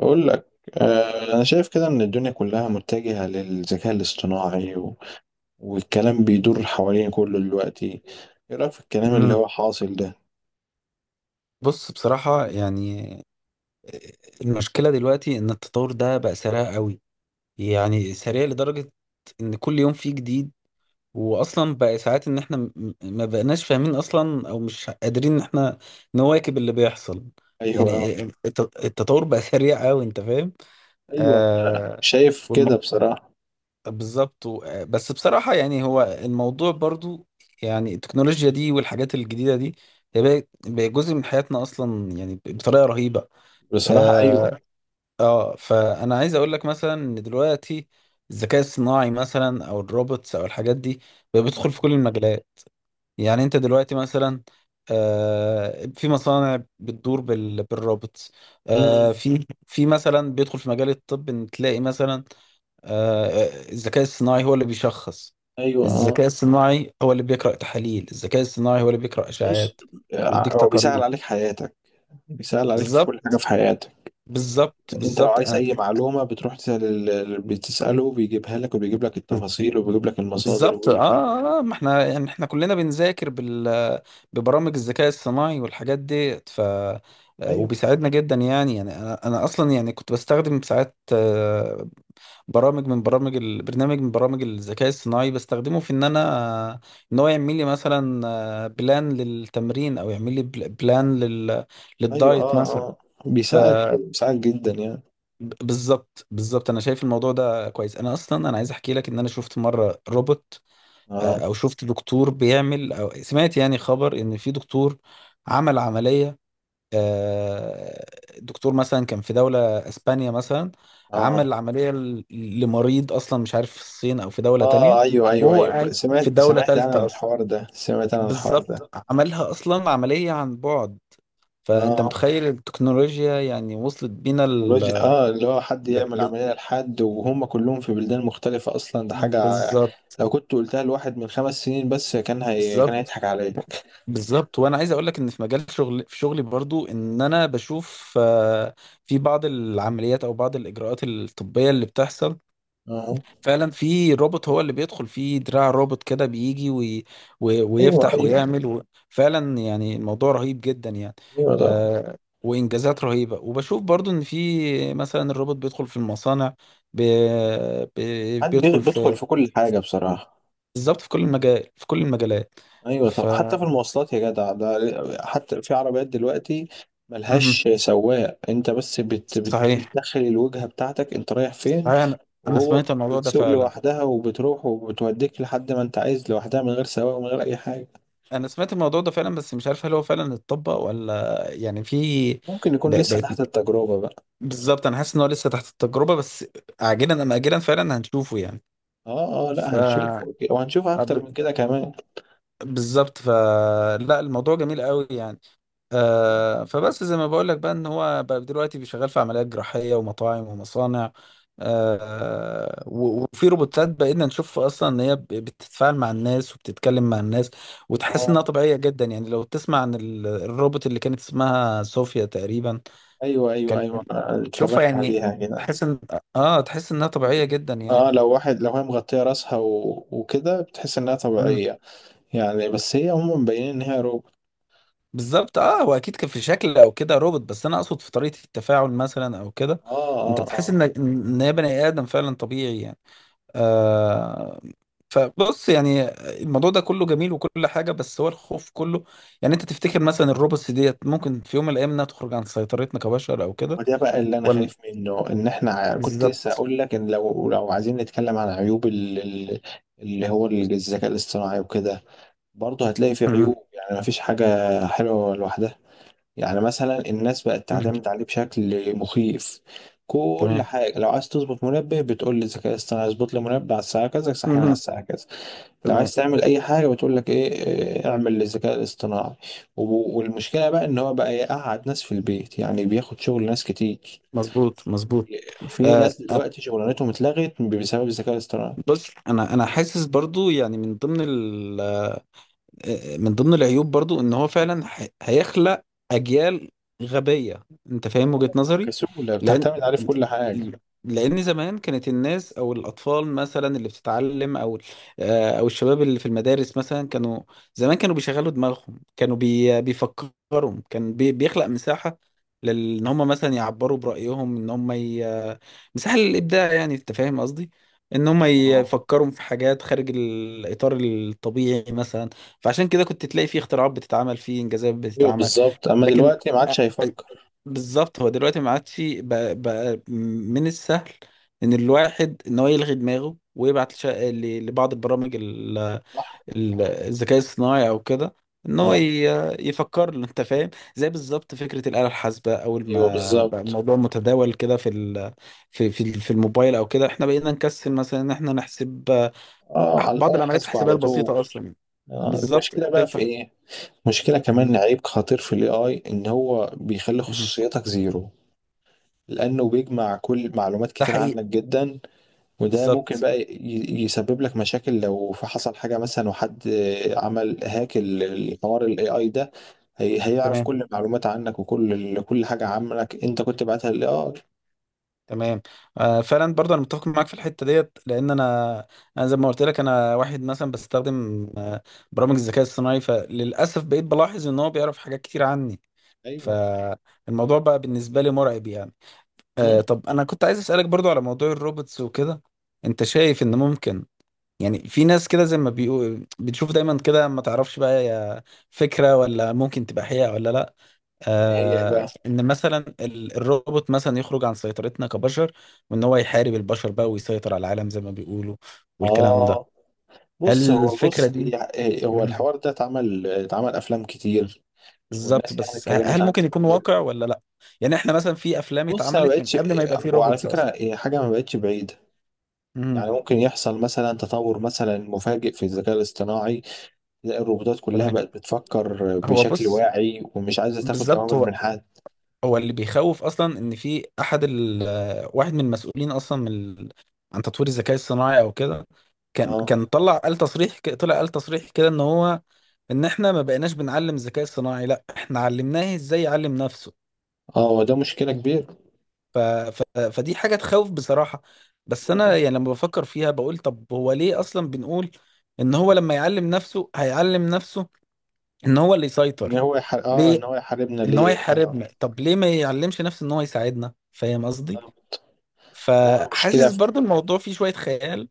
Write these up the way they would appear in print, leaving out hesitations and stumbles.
أقول لك، أنا شايف كده إن الدنيا كلها متجهة للذكاء الاصطناعي والكلام بيدور حوالين كله دلوقتي. إيه رأيك في الكلام اللي مم. هو حاصل ده؟ بص، بصراحة يعني المشكلة دلوقتي إن التطور ده بقى سريع قوي، يعني سريع لدرجة إن كل يوم فيه جديد. وأصلا بقى ساعات إن إحنا ما بقناش فاهمين أصلا أو مش قادرين إن إحنا نواكب اللي بيحصل. أيوه، يعني التطور بقى سريع قوي، أنت فاهم؟ أيوه، آه. شايف والم... كده بصراحة. بالظبط، و... آه، بس بصراحة يعني هو الموضوع برضو، يعني التكنولوجيا دي والحاجات الجديدة دي هي بقى جزء من حياتنا أصلا، يعني بطريقة رهيبة. بصراحة اه. أيوه. فانا عايز اقول لك مثلا ان دلوقتي الذكاء الصناعي مثلا، او الروبوتس، او الحاجات دي بقى بيدخل في كل المجالات. يعني انت دلوقتي مثلا، في مصانع بتدور بالروبوتس. مم. في مثلا بيدخل في مجال الطب ان تلاقي مثلا، الذكاء الصناعي هو اللي بيشخص. أيوه، أه. الذكاء الصناعي هو اللي بيقرأ تحاليل. الذكاء الصناعي هو اللي بيقرأ بص، اشعاعات ويديك هو بيسهل تقارير. عليك حياتك، بيسهل عليك في كل بالظبط، حاجة في حياتك. بالظبط، أنت لو بالظبط. عايز أي معلومة بتروح تسأل، بتسأله بيجيبها لك، وبيجيب لك التفاصيل، وبيجيب لك المصادر، بالظبط. وبيجيب لك كل... ما احنا يعني احنا كلنا بنذاكر ببرامج الذكاء الصناعي والحاجات ديت ف آه، أيوه، وبيساعدنا جدا يعني. يعني انا اصلا يعني كنت بستخدم ساعات، برامج من برامج ال- برنامج من برامج الذكاء الصناعي بستخدمه في ان انا آه، ان هو يعمل لي مثلا، بلان للتمرين، او يعمل لي بلان ايوه، للدايت اه، مثلا. اه، ف بيساعد مم. بيساعد جدا يعني. بالظبط، بالظبط. انا شايف الموضوع ده كويس. انا اصلا انا عايز احكي لك ان انا شفت مره روبوت. اه، او شفت دكتور بيعمل، او سمعت يعني خبر ان في دكتور عمل عملية. آه، دكتور مثلا كان في دولة اسبانيا مثلا، اه، عمل عملية لمريض اصلا مش عارف في الصين او في دولة اه، تانية، ايوه، ايوه، وهو ايوه، قاعد في سمعت دولة سمعت انا عن تالتة اصلا. الحوار ده سمعت انا عن الحوار بالظبط. ده. عملها اصلا عملية عن بعد. فانت اه، متخيل التكنولوجيا يعني وصلت بينا الوجه، اه، اللي هو حد ل... يعمل ل... عملية لحد وهم كلهم في بلدان مختلفة اصلا، ده حاجة بالظبط، لو كنت قلتها لواحد من 5 سنين بس كان بالظبط، هيضحك عليا. بالظبط. وانا عايز اقول لك ان في مجال شغل، في شغلي برضو ان انا بشوف، في بعض العمليات او بعض الاجراءات الطبيه اللي بتحصل. اه، فعلا في روبوت هو اللي بيدخل، في دراع روبوت كده بيجي وي وي ايوه، ويفتح ايوه، ويعمل فعلا يعني الموضوع رهيب جدا يعني. ايوه، ده آه، وانجازات رهيبه. وبشوف برضو ان في مثلا الروبوت بيدخل في المصانع، ب- حد بيدخل بيدخل في، في كل حاجة بصراحة. بالظبط في كل المجالات. ايوه، ف طب حتى في المواصلات يا جدع، ده حتى في عربيات دلوقتي مهم. ملهاش سواق، انت بس صحيح. بتدخل الوجهه بتاعتك انت رايح فين، انا انا وهو سمعت الموضوع ده بتسوق فعلا لوحدها وبتروح وبتوديك لحد ما انت عايز، لوحدها من غير سواق ومن غير اي حاجه. انا سمعت الموضوع ده فعلا، بس مش عارف هل هو فعلا اتطبق ولا، يعني في ممكن يكون ب- لسه بقت تحت التجربه بقى. بالظبط. انا حاسس ان هو لسه تحت التجربه، بس عاجلا ام اجلا فعلا هنشوفه يعني. اه، اه، ف لا، هنشوف، وهنشوف اكتر ب- من كده كمان. بالظبط. فلا الموضوع جميل قوي يعني. فبس زي ما بقول لك بقى ان هو بقى دلوقتي بيشغال في عمليات جراحيه ومطاعم ومصانع. وفي روبوتات بقينا نشوف اصلا ان هي بتتفاعل مع الناس وبتتكلم مع الناس، وتحس اه، انها طبيعيه جدا. يعني لو تسمع عن الروبوت اللي كانت اسمها صوفيا تقريبا، ايوه، ايوه، كان ايوه، أنا تشوفها اتفرجت يعني، عليها كده. تحس ان اه تحس انها طبيعيه جدا يعني. اه، لو واحد، لو هي مغطيه راسها وكده بتحس انها مم. طبيعيه يعني، بس هي عموما مبينين ان هي روبوت. بالظبط. اه هو اكيد كان في شكل او كده روبوت، بس انا اقصد في طريقه التفاعل مثلا او كده اه، انت اه، بتحس اه. ان هي بني ادم فعلا طبيعي يعني. آه فبص، يعني الموضوع ده كله جميل وكل حاجة، بس هو الخوف كله يعني، انت تفتكر مثلا الروبوتس ديت ممكن في يوم من الايام انها تخرج عن سيطرتنا كبشر او كده وده بقى اللي انا ولا؟ خايف منه، ان احنا كنت لسه بالظبط. اقول لك، ان لو، لو عايزين نتكلم عن عيوب اللي هو الذكاء الاصطناعي وكده، برضه هتلاقي فيه مهم. عيوب، يعني مفيش حاجة حلوة لوحدها. يعني مثلا الناس بقت مهم. تعتمد عليه بشكل مخيف. كل تمام. حاجة، لو عايز تظبط منبه بتقول للذكاء الاصطناعي اظبط لي منبه على الساعة كذا، صحينا على مهم. الساعة كذا. لو تمام. عايز تعمل اي حاجه بتقول لك ايه إيه، اعمل للذكاء الاصطناعي. والمشكله بقى ان هو بقى يقعد ناس في البيت، يعني بياخد شغل ناس كتير. مظبوط، مظبوط. في آه ناس دلوقتي شغلانتهم اتلغت بسبب الذكاء الاصطناعي. بص، انا حاسس برضو يعني من ضمن من ضمن العيوب برضو ان هو فعلا هيخلق اجيال غبية. انت فاهم وجهة نظري؟ كسولة لان بتعتمد عليه في كل حاجه. لان زمان كانت الناس او الاطفال مثلا اللي بتتعلم، او او الشباب اللي في المدارس مثلا، كانوا زمان كانوا بيشغلوا دماغهم، كانوا بيفكروا. كان بيخلق مساحة لان هم مثلا يعبروا برأيهم، ان هم مساحة للابداع يعني، انت فاهم قصدي؟ ان هم اه، يفكروا في حاجات خارج الاطار الطبيعي مثلا. فعشان كده كنت تلاقي فيه اختراعات بتتعمل، فيه انجازات ايوه بتتعمل. بالظبط، اما لكن دلوقتي ما أ- عادش هيفكر. أ- بالظبط، هو دلوقتي ما عادش بقى من السهل ان الواحد ان هو يلغي دماغه ويبعت لبعض البرامج صح. الذكاء الصناعي او كده، ان هو اه، يفكر له. انت فاهم؟ زي بالظبط فكره الاله الحاسبه، اول ايوه ما بقى بالظبط. الموضوع متداول كده في الموبايل او كده، احنا بقينا نكسل مثلا ان احنا نحسب، اه، على بعض الاله العمليات حاسبه الحسابيه على طول. البسيطه اصلا. بالظبط. المشكله بقى في تفتح. ايه؟ مشكله مهم. كمان، عيب خطير في الاي اي، ان هو بيخلي مهم. خصوصيتك زيرو، لأنه بيجمع كل معلومات ده كتير حقيقي. عنك جدا، وده ممكن بالظبط. بقى يسبب لك مشاكل، لو في حصل حاجة مثلا وحد عمل هاك الحوار ال AI ده، هيعرف تمام. كل المعلومات عنك، وكل كل حاجة عنك أنت كنت بعتها لل AI. تمام. فعلا برضه انا متفق معاك في الحته ديت، لان انا زي ما قلت لك، انا واحد مثلا بستخدم، برامج الذكاء الصناعي. فللاسف بقيت بلاحظ ان هو بيعرف حاجات كتير عني. أيوه. فالموضوع بقى بالنسبه لي مرعب يعني. مم. طب انا كنت عايز اسالك برضه على موضوع الروبوتس وكده. انت شايف ان ممكن، يعني في ناس كده زي ما بيقول بتشوف دايما كده، ما تعرفش بقى هي فكره ولا ممكن تبقى حقيقه ولا لا؟ هي إيه بقى؟ ان مثلا الروبوت مثلا يخرج عن سيطرتنا كبشر، وان هو يحارب البشر بقى ويسيطر على العالم زي ما بيقولوا والكلام ده. آه هل بص، هو الفكرة بص دي؟ يع- إيه، هو مهم. الحوار ده اتعمل، اتعمل أفلام كتير بالظبط، والناس يعني بس اتكلمت هل عنه ممكن يكون كتير. واقع ولا لا؟ يعني احنا مثلا في افلام بص أنا ما اتعملت من بقتش، قبل ما يبقى في وعلى روبوتس فكرة اصلا. هي حاجة ما بقتش بعيدة. مهم. يعني ممكن يحصل مثلا تطور مثلا مفاجئ في الذكاء الاصطناعي، تلاقي الروبوتات كلها تمام. بقت بتفكر هو بشكل بص، واعي ومش عايزة تاخد بالظبط. أوامر هو من حد. هو اللي بيخوف اصلا، ان في احد ال آه، واحد من المسؤولين اصلا من عن تطوير الذكاء الصناعي او كده، كان اه، كان طلع قال تصريح كده ان هو، ان احنا ما بقيناش بنعلم ذكاء صناعي، لا احنا علمناه ازاي يعلم نفسه. اه، وده مشكلة كبيرة. فدي حاجة تخوف بصراحة. بس انا يعني لما بفكر فيها بقول، طب هو ليه اصلا بنقول ان هو لما يعلم نفسه، هيعلم نفسه ان هو اللي يسيطر، اه، ان ليه؟ هو يحاربنا ان هو ليه؟ اه. يحاربنا؟ طب ليه ما يعلمش نفسه ان هو يساعدنا؟ فاهم قصدي؟ آه. هو المشكلة فحاسس في... برضو الموضوع فيه شوية خيال.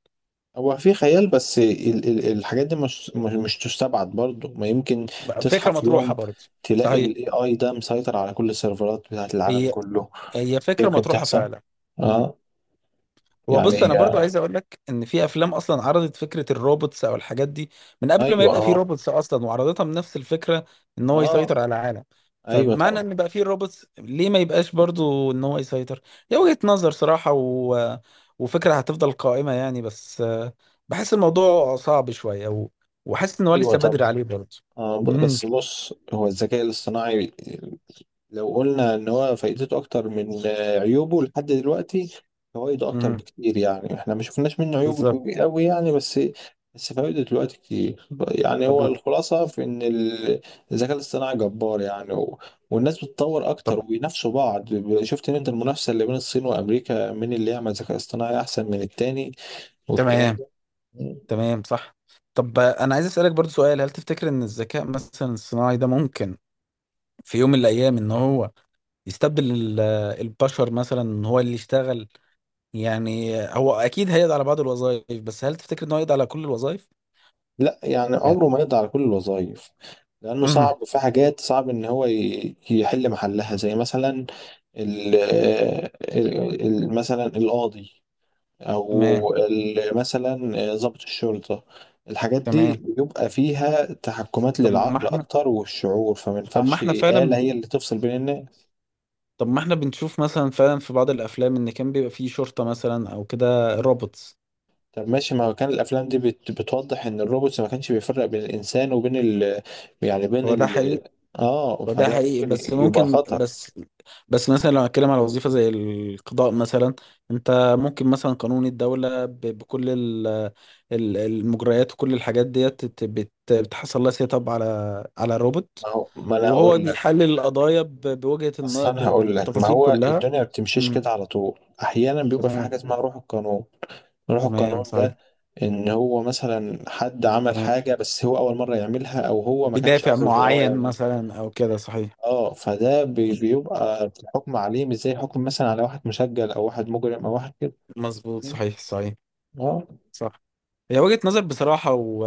هو في خيال، بس الحاجات دي مش تستبعد برضو، ما يمكن تصحى فكرة في مطروحة يوم برضو. تلاقي صحيح. الاي اي ده مسيطر على كل السيرفرات بتاعت العالم هي كله. هي فكرة يمكن مطروحة تحصل. فعلا. إمم. اه، هو يعني بص، انا برضو هي، عايز اقول لك ان في افلام اصلا عرضت فكره الروبوتس او الحاجات دي من قبل ما ايوه، يبقى في اه، روبوتس اصلا، وعرضتها بنفس الفكره، ان هو يسيطر اه، على العالم. ايوه فبمعنى طبعا، ان بقى في روبوتس، ليه ما يبقاش برضو ان هو يسيطر؟ هي وجهه نظر صراحه، وفكره هتفضل قائمه يعني، بس بحس الموضوع صعب شويه، وحاسس ان هو ايوه لسه طبعا. بدري عليه برضو. امم. بس بص، هو الذكاء الاصطناعي لو قلنا ان هو فائدته اكتر من عيوبه، لحد دلوقتي فوائده اكتر امم. بكتير، يعني احنا ما شفناش منه عيوب بالظبط. قوي يعني. بس فوائده دلوقتي كتير. يعني طب هو و... الخلاصه في ان الذكاء الاصطناعي جبار يعني، و... والناس بتتطور طب اكتر وبينافسوا بعض. شفت ان انت المنافسه اللي بين الصين وامريكا، مين اللي يعمل ذكاء اصطناعي احسن من التاني والكلام تمام. ده. تمام. صح. طب انا عايز اسالك برضو سؤال. هل تفتكر ان الذكاء مثلا الصناعي ده ممكن في يوم من الايام ان هو يستبدل البشر مثلا، ان هو اللي يشتغل؟ يعني هو اكيد هيقضي على بعض الوظائف، بس هل تفتكر ان هو يقضي على كل الوظائف؟ لا، يعني يعني. عمره ما يقضي على كل الوظائف، لأنه امم. صعب، في حاجات صعب إن هو يحل محلها، زي مثلا مثلا القاضي، تمام. أو مثلا ضابط الشرطة. الحاجات دي تمام. بيبقى فيها تحكمات طب ما للعقل احنا أكتر والشعور، فما طب ما ينفعش احنا آلة فعلا هي اللي تفصل بين الناس. طب ما احنا بنشوف مثلا فعلا في بعض الافلام، ان كان بيبقى فيه شرطة مثلا او كده روبوتس. طب ماشي، ما كان الأفلام دي بتوضح إن الروبوت ما كانش بيفرق بين الإنسان وبين ال، يعني بين هو ده حقيقي. ال، وده فده حقيقي، ممكن بس يبقى ممكن. خطر. بس بس مثلا لو هتكلم على وظيفة زي القضاء مثلا، انت ممكن مثلا قانون الدولة بكل المجريات وكل الحاجات ديت بتحصل لها سيت اب على روبوت، ما هو، ما انا وهو هقول لك، بيحلل القضايا بوجهة النظر اصلا هقول لك، ما بالتفاصيل هو كلها. الدنيا ما بتمشيش مم. كده على طول، احيانا بيبقى في تمام. حاجه اسمها روح القانون. روح تمام. القانون صحيح. ده، ان هو مثلا حد عمل تمام. حاجه بس هو اول مره يعملها، او هو ما كانش بدافع قصده ان هو معين يعملها. مثلا او كده، صحيح. اه، فده بيبقى الحكم عليه مش زي حكم مثلا على واحد مسجل، او واحد مجرم، او واحد كده. مظبوط. صحيح، صحيح. اه، صح. هي وجهة نظر بصراحة،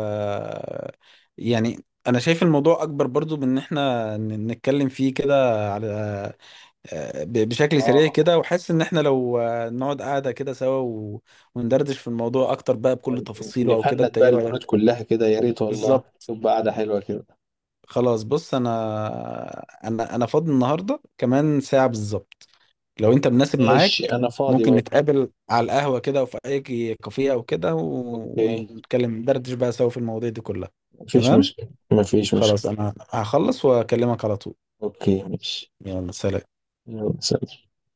يعني أنا شايف الموضوع أكبر برضو من إن إحنا نتكلم فيه كده، على بشكل سريع اه. كده. وحاسس إن إحنا لو نقعد قاعدة كده سوا، وندردش في الموضوع أكتر بقى بكل تفاصيله أو كده. نفند أنت بقى إيه البنود رأيك؟ كلها كده يا ريت والله، بالظبط. تبقى قاعده حلوه كده. خلاص بص، أنا فاضي النهاردة كمان ساعة بالظبط، لو انت مناسب ماشي، معاك انا فاضي ممكن برضه. نتقابل على القهوة كده، وفي اي كافيه او كده، اوكي، ونتكلم ندردش بقى سوا في المواضيع دي كلها. مفيش تمام. مشكله، مفيش خلاص، مشكله. انا هخلص واكلمك على طول. اوكي ماشي. يلا سلام. يلا سلام.